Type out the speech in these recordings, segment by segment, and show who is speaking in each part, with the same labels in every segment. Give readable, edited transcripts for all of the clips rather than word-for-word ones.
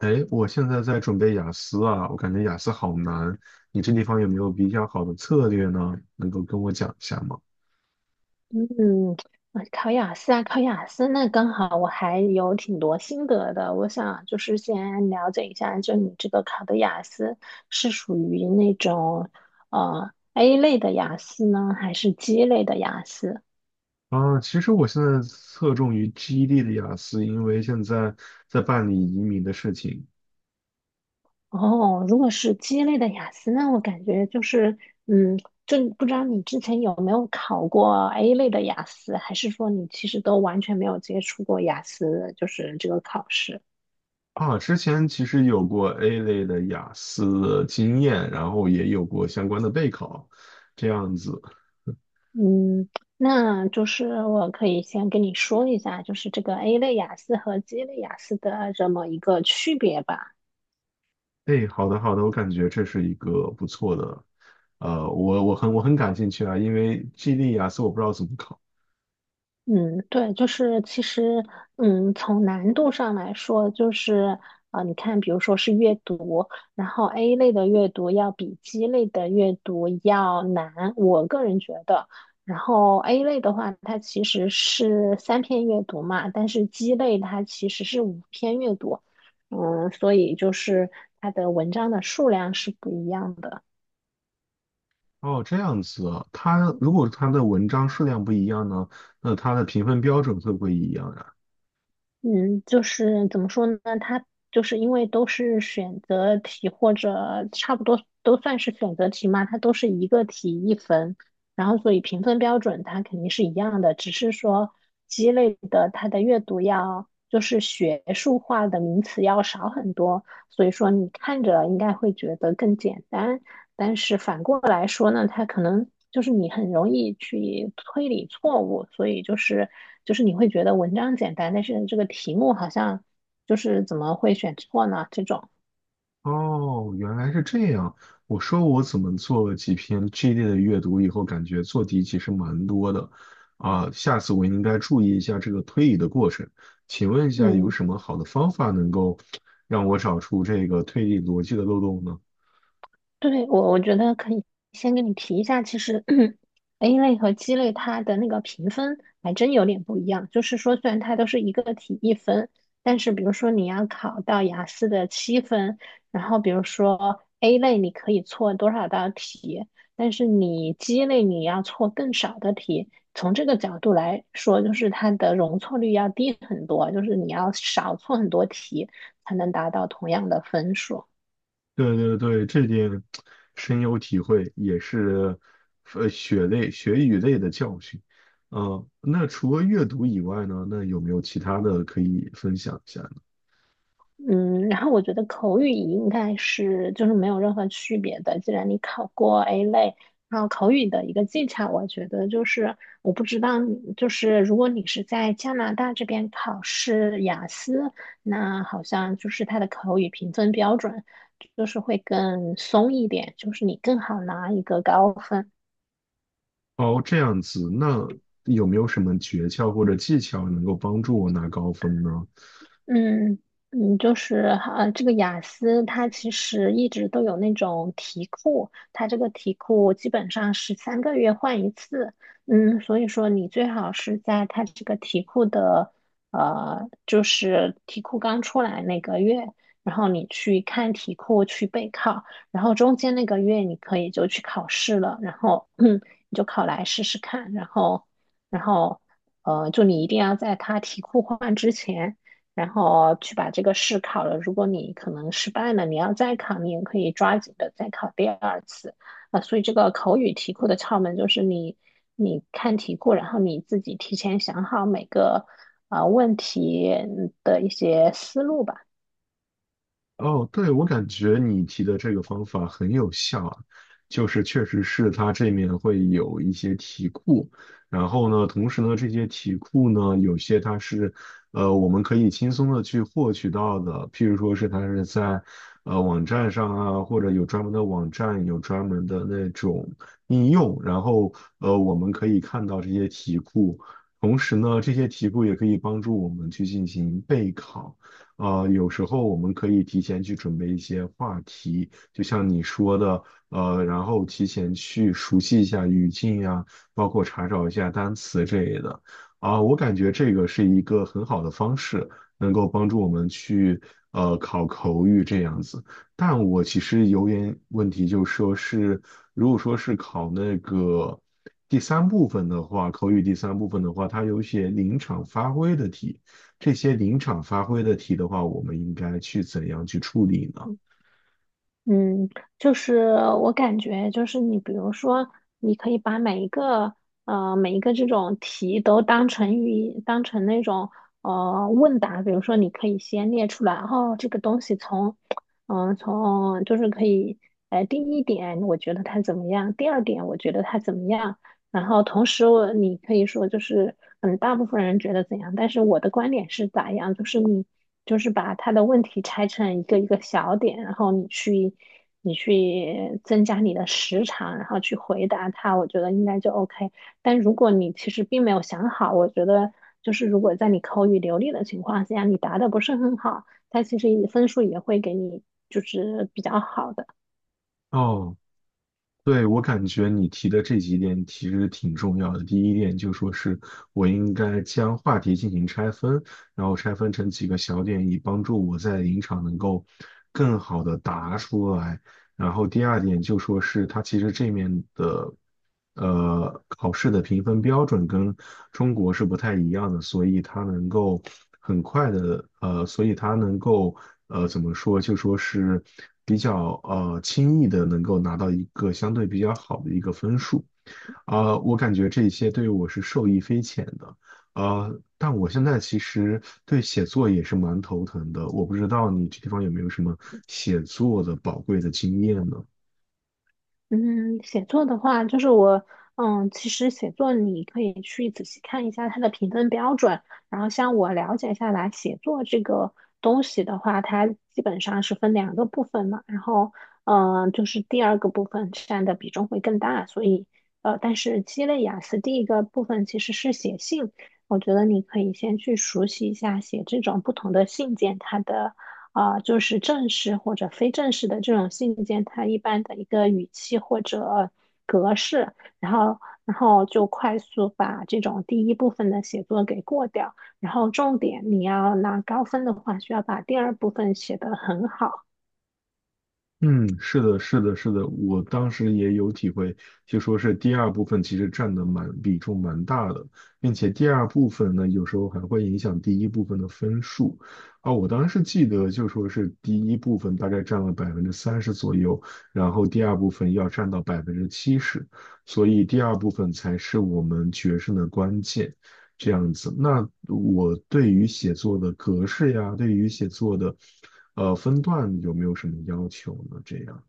Speaker 1: 哎，我现在在准备雅思啊，我感觉雅思好难。你这地方有没有比较好的策略呢？能够跟我讲一下吗？
Speaker 2: 嗯，考雅思，那刚好我还有挺多心得的。我想就是先了解一下，就你这个考的雅思是属于那种A 类的雅思呢，还是 G 类的雅思？
Speaker 1: 啊，其实我现在侧重于 g e D 的雅思，因为现在在办理移民的事情
Speaker 2: 哦，如果是 G 类的雅思，那我感觉就是嗯，就不知道你之前有没有考过 A 类的雅思，还是说你其实都完全没有接触过雅思，就是这个考试？
Speaker 1: 啊。之前其实有过 A 类的雅思的经验，然后也有过相关的备考，这样子。
Speaker 2: 嗯，那就是我可以先跟你说一下，就是这个 A 类雅思和 G 类雅思的这么一个区别吧。
Speaker 1: 哎，好的好的，我感觉这是一个不错的，呃，我我很我很感兴趣啊，因为 GD 雅思我不知道怎么考。
Speaker 2: 嗯，对，就是其实，从难度上来说，就是你看，比如说是阅读，然后 A 类的阅读要比 G 类的阅读要难，我个人觉得。然后 A 类的话，它其实是3篇阅读嘛，但是 G 类它其实是5篇阅读，所以就是它的文章的数量是不一样的。
Speaker 1: 哦，这样子啊，它如果它的文章数量不一样呢，那它的评分标准会不会一样呀？
Speaker 2: 嗯，就是怎么说呢？它就是因为都是选择题或者差不多都算是选择题嘛，它都是一个题一分，然后所以评分标准它肯定是一样的，只是说鸡肋的它的阅读要就是学术化的名词要少很多，所以说你看着应该会觉得更简单。来说呢，它可能就是你很容易去推理错误，所以就是你会觉得文章简单，但是这个题目好像就是怎么会选错呢？这种，
Speaker 1: 哦，原来是这样。我说我怎么做了几篇 GD 的阅读以后，感觉做题其实蛮多的，啊，下次我应该注意一下这个推理的过程。请问一下，有
Speaker 2: 嗯。
Speaker 1: 什么好的方法能够让我找出这个推理逻辑的漏洞呢？
Speaker 2: 对，我觉得可以先跟你提一下，其实 A 类和 G 类它的那个评分还真有点不一样。就是说，虽然它都是一个题一分，但是比如说你要考到雅思的7分，然后比如说 A 类你可以错多少道题，但是你 G 类你要错更少的题。从这个角度来说，就是它的容错率要低很多，就是你要少错很多题才能达到同样的分数。
Speaker 1: 对对对，这点深有体会，也是血与泪的教训。那除了阅读以外呢，那有没有其他的可以分享一下呢？
Speaker 2: 嗯，然后我觉得口语应该是就是没有任何区别的。既然你考过 A 类，然后口语的一个技巧，我觉得就是我不知道你，就是如果你是在加拿大这边考试雅思，那好像就是它的口语评分标准就是会更松一点，就是你更好拿一个高分。
Speaker 1: 哦，这样子，那有没有什么诀窍或者技巧能够帮助我拿高分呢？
Speaker 2: 嗯嗯，就是这个雅思它其实一直都有那种题库，它这个题库基本上是3个月换一次，所以说你最好是在它这个题库的就是题库刚出来那个月，然后你去看题库去备考，然后中间那个月你可以就去考试了，然后 你就考来试试看，然后就你一定要在它题库换之前。然后去把这个试考了。如果你可能失败了，你要再考，你也可以抓紧的再考第二次。所以这个口语题库的窍门就是你看题库，然后你自己提前想好每个问题的一些思路吧。嗯
Speaker 1: 哦，对，我感觉你提的这个方法很有效啊，就是确实是它这面会有一些题库，然后呢，同时呢，这些题库呢，有些它是，我们可以轻松的去获取到的，譬如说是它是在，网站上啊，或者有专门的网站，有专门的那种应用，然后，我们可以看到这些题库，同时呢，这些题库也可以帮助我们去进行备考。有时候我们可以提前去准备一些话题，就像你说的，然后提前去熟悉一下语境呀，包括查找一下单词之类的。啊，我感觉这个是一个很好的方式，能够帮助我们去考口语这样子。但我其实有点问题，就是说是如果说是考那个第三部分的话，口语第三部分的话，它有一些临场发挥的题。这些临场发挥的题的话，我们应该去怎样去处理呢？
Speaker 2: 嗯，就是我感觉就是你，比如说，你可以把每一个这种题都当成那种问答，比如说你可以先列出来，哦，这个东西从就是可以第一点我觉得它怎么样，第二点我觉得它怎么样，然后同时你可以说就是，大部分人觉得怎样，但是我的观点是咋样，就是你就是把他的问题拆成一个一个小点，然后你去增加你的时长，然后去回答他，我觉得应该就 OK。但如果你其实并没有想好，我觉得就是如果在你口语流利的情况下，你答的不是很好，他其实也分数也会给你就是比较好的。
Speaker 1: 哦，对，我感觉你提的这几点其实挺重要的。第一点就说是我应该将话题进行拆分，然后拆分成几个小点，以帮助我在临场能够更好的答出来。然后第二点就说是它其实这面的考试的评分标准跟中国是不太一样的，所以它能够很快的，呃，所以它能够呃怎么说，就说是比较轻易的能够拿到一个相对比较好的一个分数。我感觉这些对我是受益匪浅的，但我现在其实对写作也是蛮头疼的，我不知道你这地方有没有什么写作的宝贵的经验呢？
Speaker 2: 嗯，写作的话，就是我，嗯，其实写作你可以去仔细看一下它的评分标准，然后像我了解下来，写作这个东西的话，它基本上是分两个部分嘛，然后，就是第二个部分占的比重会更大，所以，但是鸡肋雅思第一个部分其实是写信，我觉得你可以先去熟悉一下写这种不同的信件它的。就是正式或者非正式的这种信件，它一般的一个语气或者格式，然后就快速把这种第一部分的写作给过掉，然后重点你要拿高分的话，需要把第二部分写得很好。
Speaker 1: 嗯，是的，是的，是的，我当时也有体会，就说是第二部分其实占的比重蛮大的，并且第二部分呢，有时候还会影响第一部分的分数。啊，我当时记得就说是第一部分大概占了30%左右，然后第二部分要占到70%，所以第二部分才是我们决胜的关键。这样子。那我对于写作的格式呀，对于写作的分段有没有什么要求呢？这样。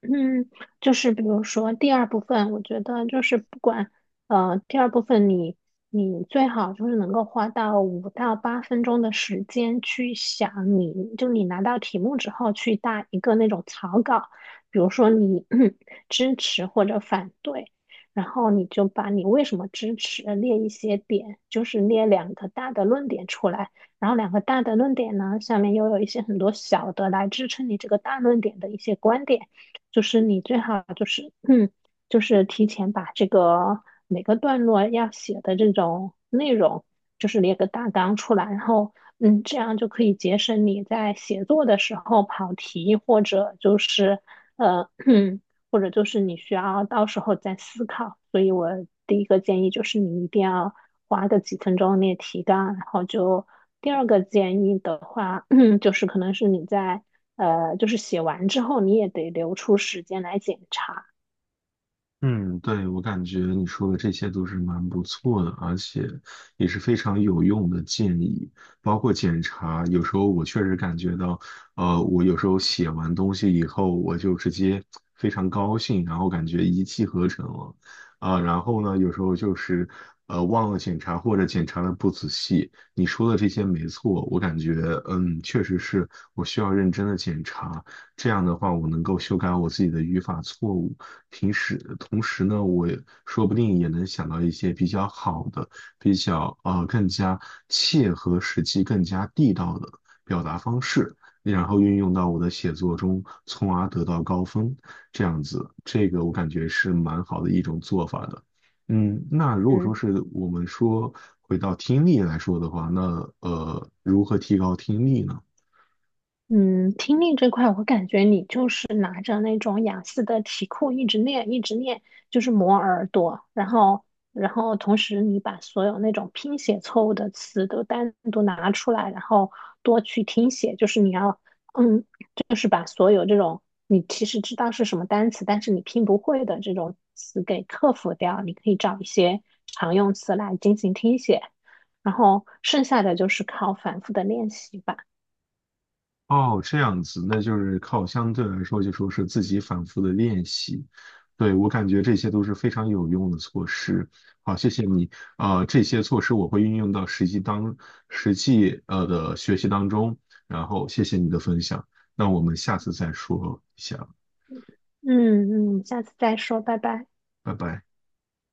Speaker 2: 嗯，就是比如说第二部分，我觉得就是不管呃，第二部分你最好就是能够花到5到8分钟的时间去想你，就你拿到题目之后去打一个那种草稿，比如说你 支持或者反对，然后你就把你为什么支持列一些点，就是列两个大的论点出来，然后两个大的论点呢，下面又有一些很多小的来支撑你这个大论点的一些观点。就是你最好就是就是提前把这个每个段落要写的这种内容，就是列个大纲出来，然后这样就可以节省你在写作的时候跑题，或者就是呃，或者就是你需要到时候再思考。所以我第一个建议就是你一定要花个几分钟列提纲，然后就第二个建议的话，就是可能是你在。就是写完之后你也得留出时间来检查。
Speaker 1: 嗯，对，我感觉你说的这些都是蛮不错的，而且也是非常有用的建议，包括检查。有时候我确实感觉到，我有时候写完东西以后，我就直接非常高兴，然后感觉一气呵成了，啊、然后呢，有时候就是忘了检查或者检查的不仔细。你说的这些没错，我感觉确实是我需要认真的检查，这样的话我能够修改我自己的语法错误。平时同时呢，我也说不定也能想到一些比较好的、比较更加切合实际、更加地道的表达方式，然后运用到我的写作中，从而得到高分。这样子，这个我感觉是蛮好的一种做法的。嗯，那如果说
Speaker 2: 嗯。
Speaker 1: 是我们说回到听力来说的话，那如何提高听力呢？
Speaker 2: 嗯，听力这块，我感觉你就是拿着那种雅思的题库一直练，一直练，就是磨耳朵，然后同时你把所有那种拼写错误的词都单独拿出来，然后多去听写，就是你要，嗯，就是把所有这种你其实知道是什么单词，但是你拼不会的这种词给克服掉。你可以找一些常用词来进行听写，然后剩下的就是靠反复的练习吧。
Speaker 1: 哦，这样子，那就是靠相对来说，就说是自己反复的练习。对，我感觉这些都是非常有用的措施。好，谢谢你。这些措施我会运用到实际的学习当中。然后谢谢你的分享，那我们下次再说一下，
Speaker 2: 嗯嗯，下次再说，拜拜。
Speaker 1: 拜拜。